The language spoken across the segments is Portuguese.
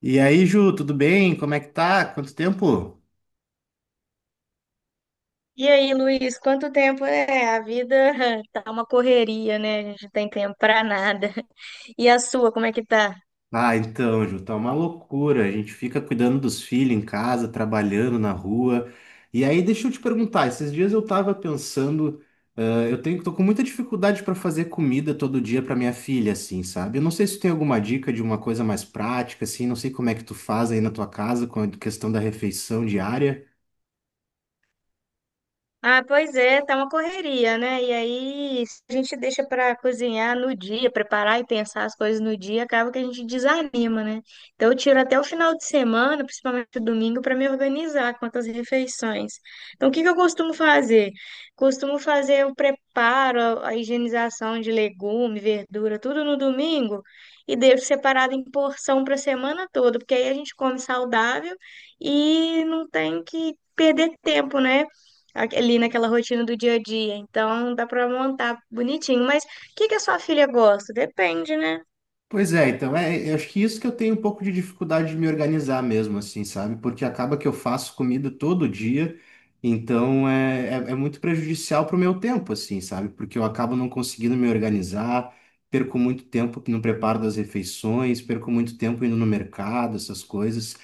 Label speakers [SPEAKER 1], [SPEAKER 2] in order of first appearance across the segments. [SPEAKER 1] E aí, Ju, tudo bem? Como é que tá? Quanto tempo?
[SPEAKER 2] E aí, Luiz, quanto tempo é? A vida tá uma correria, né? A gente não tem tempo pra nada. E a sua, como é que tá?
[SPEAKER 1] Ah, então, Ju, tá uma loucura. A gente fica cuidando dos filhos em casa, trabalhando na rua. E aí, deixa eu te perguntar, esses dias eu tava pensando, ah, tô com muita dificuldade para fazer comida todo dia para minha filha, assim, sabe? Eu não sei se tu tem alguma dica de uma coisa mais prática, assim, não sei como é que tu faz aí na tua casa com a questão da refeição diária.
[SPEAKER 2] Ah, pois é, tá uma correria, né? E aí, se a gente deixa para cozinhar no dia, preparar e pensar as coisas no dia, acaba que a gente desanima, né? Então, eu tiro até o final de semana, principalmente o domingo, para me organizar quanto às refeições. Então, o que que eu costumo fazer? Costumo fazer o preparo, a higienização de legume, verdura, tudo no domingo e deixo separado em porção para a semana toda, porque aí a gente come saudável e não tem que perder tempo, né? Ali naquela rotina do dia a dia. Então dá pra montar bonitinho. Mas o que que a sua filha gosta? Depende, né?
[SPEAKER 1] Pois é, então, é, eu acho que isso que eu tenho um pouco de dificuldade de me organizar mesmo, assim, sabe? Porque acaba que eu faço comida todo dia, então é muito prejudicial pro meu tempo, assim, sabe? Porque eu acabo não conseguindo me organizar, perco muito tempo no preparo das refeições, perco muito tempo indo no mercado, essas coisas.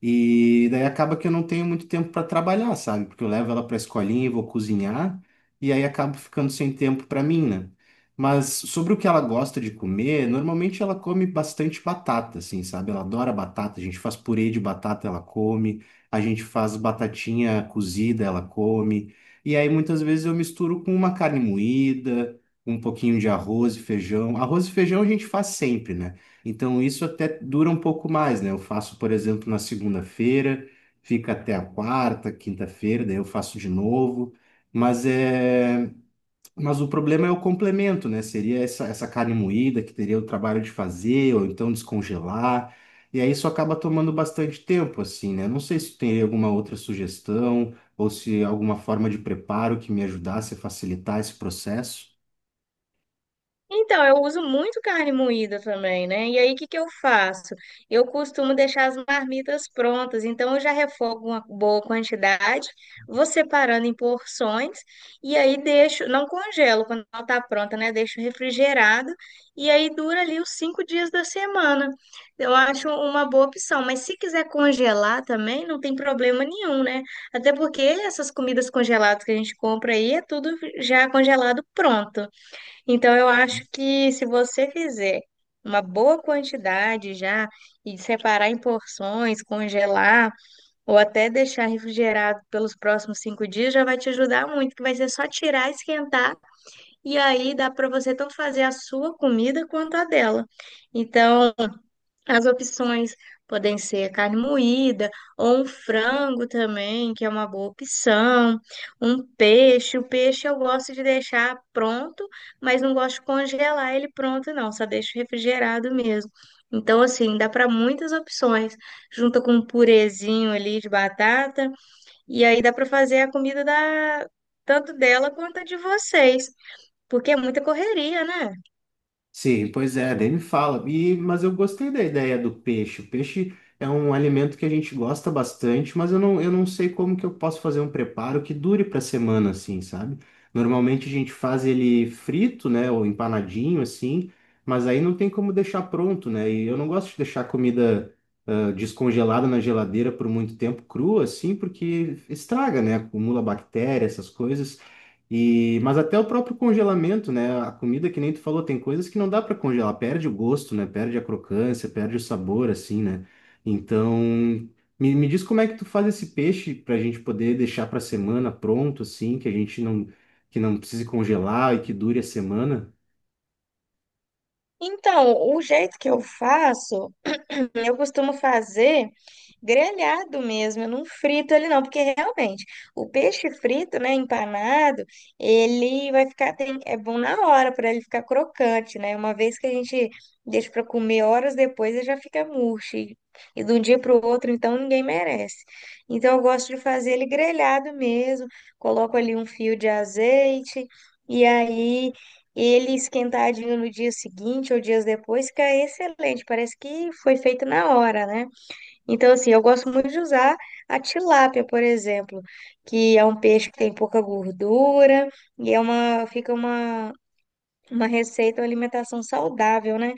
[SPEAKER 1] E daí acaba que eu não tenho muito tempo para trabalhar, sabe? Porque eu levo ela para a escolinha e vou cozinhar, e aí acabo ficando sem tempo para mim, né? Mas sobre o que ela gosta de comer, normalmente ela come bastante batata, assim, sabe? Ela adora batata. A gente faz purê de batata, ela come. A gente faz batatinha cozida, ela come. E aí muitas vezes eu misturo com uma carne moída, um pouquinho de arroz e feijão. Arroz e feijão a gente faz sempre, né? Então isso até dura um pouco mais, né? Eu faço, por exemplo, na segunda-feira, fica até a quarta, quinta-feira, daí eu faço de novo. Mas é. Mas o problema é o complemento, né? Seria essa carne moída que teria o trabalho de fazer, ou então descongelar. E aí isso acaba tomando bastante tempo, assim, né? Não sei se tu teria alguma outra sugestão, ou se alguma forma de preparo que me ajudasse a facilitar esse processo.
[SPEAKER 2] Então, eu uso muito carne moída também, né? E aí, o que que eu faço? Eu costumo deixar as marmitas prontas, então eu já refogo uma boa quantidade, vou separando em porções e aí deixo, não congelo quando ela tá pronta, né? Deixo refrigerado e aí dura ali os 5 dias da semana. Eu acho uma boa opção, mas se quiser congelar também, não tem problema nenhum, né? Até porque essas comidas congeladas que a gente compra aí é tudo já congelado pronto. Então, eu acho que se você fizer uma boa quantidade já e separar em porções, congelar ou até deixar refrigerado pelos próximos 5 dias, já vai te ajudar muito, que vai ser só tirar, esquentar e aí dá para você tanto fazer a sua comida quanto a dela. Então, as opções podem ser carne moída ou um frango também, que é uma boa opção. Um peixe. O peixe eu gosto de deixar pronto, mas não gosto de congelar ele pronto, não. Só deixo refrigerado mesmo. Então, assim, dá para muitas opções. Junta com um purezinho ali de batata. E aí dá para fazer a comida da... tanto dela quanto a de vocês. Porque é muita correria, né?
[SPEAKER 1] Sim, pois é, daí me fala. E, mas eu gostei da ideia do peixe. O peixe é um alimento que a gente gosta bastante, mas eu não sei como que eu posso fazer um preparo que dure para semana, assim, sabe? Normalmente a gente faz ele frito, né, ou empanadinho, assim, mas aí não tem como deixar pronto, né? E eu não gosto de deixar comida descongelada na geladeira por muito tempo crua, assim, porque estraga, né? Acumula bactéria, essas coisas. E, mas até o próprio congelamento, né? A comida, que nem tu falou, tem coisas que não dá para congelar, perde o gosto, né? Perde a crocância, perde o sabor, assim, né? Então, me diz como é que tu faz esse peixe para a gente poder deixar para semana pronto, assim, que a gente não, que não precise congelar e que dure a semana.
[SPEAKER 2] Então, o jeito que eu faço, eu costumo fazer grelhado mesmo, eu não frito ele não, porque realmente o peixe frito, né, empanado, ele vai ficar, é bom na hora para ele ficar crocante, né? Uma vez que a gente deixa para comer horas depois, ele já fica murcho. E de um dia para o outro, então ninguém merece. Então eu gosto de fazer ele grelhado mesmo, coloco ali um fio de azeite. E aí ele esquentadinho no dia seguinte ou dias depois fica excelente, parece que foi feito na hora, né? Então, assim, eu gosto muito de usar a tilápia, por exemplo, que é um peixe que tem pouca gordura e é uma receita, uma alimentação saudável, né?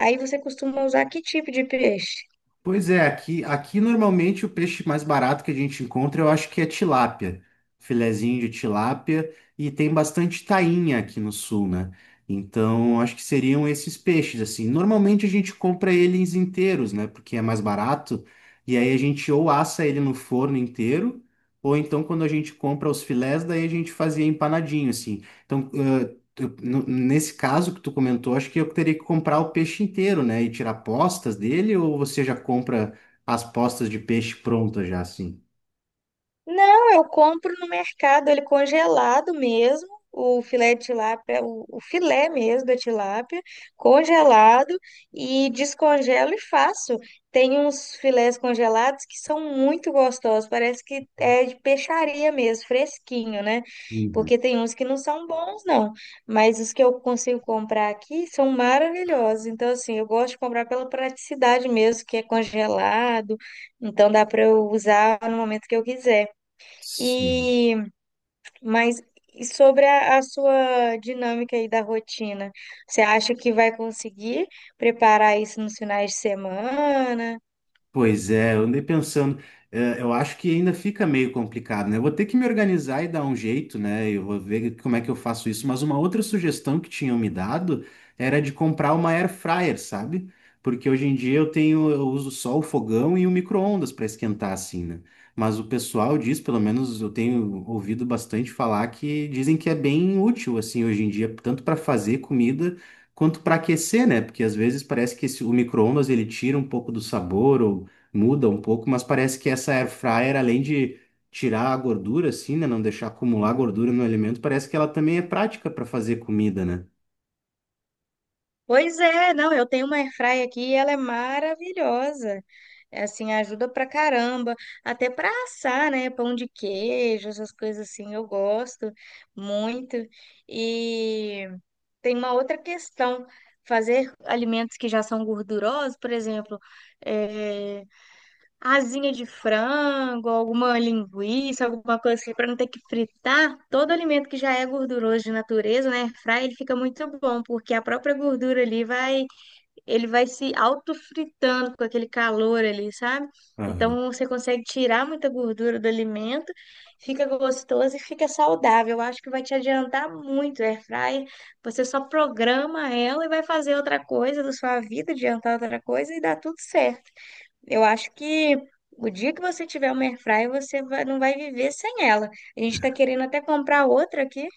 [SPEAKER 2] Aí você costuma usar que tipo de peixe?
[SPEAKER 1] Pois é, aqui normalmente o peixe mais barato que a gente encontra, eu acho que é tilápia, filezinho de tilápia, e tem bastante tainha aqui no sul, né? Então, acho que seriam esses peixes, assim. Normalmente a gente compra eles inteiros, né? Porque é mais barato, e aí a gente ou assa ele no forno inteiro, ou então quando a gente compra os filés, daí a gente fazia empanadinho, assim. Então, nesse caso que tu comentou, acho que eu teria que comprar o peixe inteiro, né? E tirar postas dele, ou você já compra as postas de peixe prontas já assim?
[SPEAKER 2] Não, eu compro no mercado, ele congelado mesmo, o filé de tilápia, o filé mesmo da tilápia, congelado e descongelo e faço. Tem uns filés congelados que são muito gostosos, parece que é de peixaria mesmo, fresquinho, né?
[SPEAKER 1] Uhum.
[SPEAKER 2] Porque tem uns que não são bons, não, mas os que eu consigo comprar aqui são maravilhosos. Então, assim, eu gosto de comprar pela praticidade mesmo, que é congelado, então dá para eu usar no momento que eu quiser.
[SPEAKER 1] Sim.
[SPEAKER 2] E mas e sobre a sua dinâmica aí da rotina, você acha que vai conseguir preparar isso nos finais de semana?
[SPEAKER 1] Pois é, eu andei pensando, eu acho que ainda fica meio complicado, né? Eu vou ter que me organizar e dar um jeito, né? Eu vou ver como é que eu faço isso. Mas uma outra sugestão que tinham me dado era de comprar uma air fryer, sabe? Porque hoje em dia eu tenho, eu uso só o fogão e o micro-ondas para esquentar assim, né? Mas o pessoal diz, pelo menos eu tenho ouvido bastante falar que dizem que é bem útil assim hoje em dia, tanto para fazer comida quanto para aquecer, né? Porque às vezes parece que o micro-ondas ele tira um pouco do sabor ou muda um pouco, mas parece que essa air fryer, além de tirar a gordura, assim, né? Não deixar acumular gordura no alimento, parece que ela também é prática para fazer comida, né?
[SPEAKER 2] Pois é, não, eu tenho uma airfryer aqui e ela é maravilhosa. É. Assim, ajuda pra caramba, até pra assar, né? Pão de queijo, essas coisas assim, eu gosto muito. E tem uma outra questão, fazer alimentos que já são gordurosos, por exemplo, eh, asinha de frango, alguma linguiça, alguma coisa assim, para não ter que fritar. Todo alimento que já é gorduroso de natureza, né, airfryer, ele fica muito bom, porque a própria gordura ali vai, ele vai se autofritando com aquele calor ali, sabe? Então você consegue tirar muita gordura do alimento, fica gostoso e fica saudável. Eu acho que vai te adiantar muito, airfryer. Você só programa ela e vai fazer outra coisa da sua vida, adiantar outra coisa e dá tudo certo. Eu acho que o dia que você tiver uma airfryer, você não vai viver sem ela. A gente está querendo até comprar outra aqui.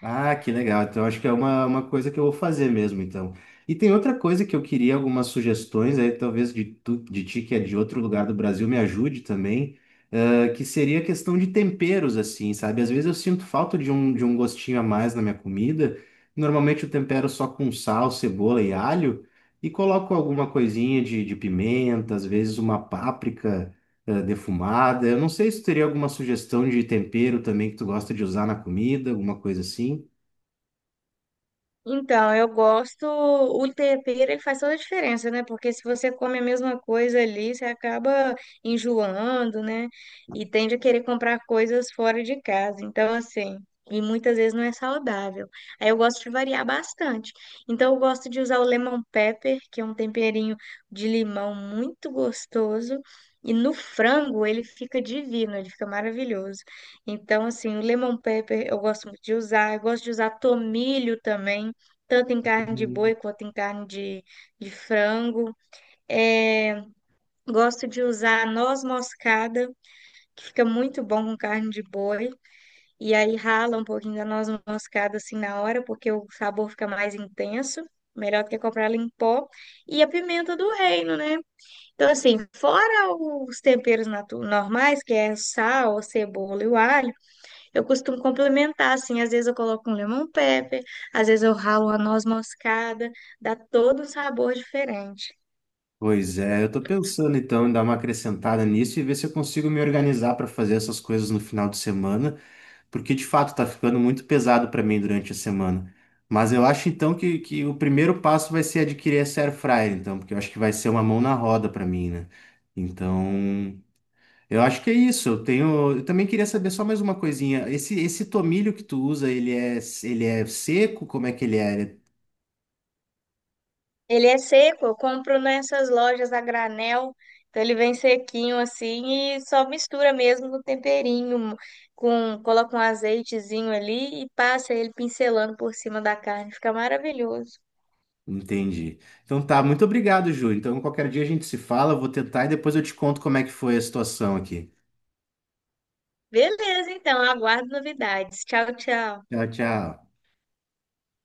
[SPEAKER 1] Ah, que legal. Então, acho que é uma coisa que eu vou fazer mesmo, então. E tem outra coisa que eu queria algumas sugestões aí, talvez tu, de ti, que é de outro lugar do Brasil, me ajude também, ah, que seria a questão de temperos, assim, sabe? Às vezes eu sinto falta de um gostinho a mais na minha comida. Normalmente eu tempero só com sal, cebola e alho, e coloco alguma coisinha de pimenta, às vezes uma páprica, defumada. Eu não sei se tu teria alguma sugestão de tempero também que tu gosta de usar na comida, alguma coisa assim.
[SPEAKER 2] Então, eu gosto, o tempero ele faz toda a diferença, né? Porque se você come a mesma coisa ali, você acaba enjoando, né? E tende a querer comprar coisas fora de casa. Então, assim, e muitas vezes não é saudável. Aí eu gosto de variar bastante. Então, eu gosto de usar o lemon pepper, que é um temperinho de limão muito gostoso. E no frango ele fica divino, ele fica maravilhoso. Então, assim, o lemon pepper eu gosto muito de usar. Eu gosto de usar tomilho também tanto em carne de boi quanto em carne de frango. É, gosto de usar noz moscada, que fica muito bom com carne de boi. E aí rala um pouquinho da noz moscada assim na hora, porque o sabor fica mais intenso. Melhor do que comprar ela em pó. E a pimenta do reino, né? Então, assim, fora os temperos normais, que é sal, cebola e o alho, eu costumo complementar, assim, às vezes eu coloco um lemon pepper, às vezes eu ralo uma noz moscada, dá todo um sabor diferente.
[SPEAKER 1] Pois é, eu tô pensando então em dar uma acrescentada nisso e ver se eu consigo me organizar para fazer essas coisas no final de semana, porque de fato tá ficando muito pesado para mim durante a semana. Mas eu acho então que o primeiro passo vai ser adquirir essa air fryer, então, porque eu acho que vai ser uma mão na roda para mim, né? Então, eu acho que é isso. Eu tenho, eu também queria saber só mais uma coisinha. Esse tomilho que tu usa, ele é seco? Como é que ele é?
[SPEAKER 2] Ele é seco, eu compro nessas lojas a granel, então ele vem sequinho assim e só mistura mesmo no temperinho, com, coloca um azeitezinho ali e passa ele pincelando por cima da carne, fica maravilhoso.
[SPEAKER 1] Entendi. Então tá, muito obrigado, Júlio. Então qualquer dia a gente se fala, eu vou tentar e depois eu te conto como é que foi a situação aqui.
[SPEAKER 2] Beleza, então, aguardo novidades. Tchau, tchau.
[SPEAKER 1] Tchau, tchau.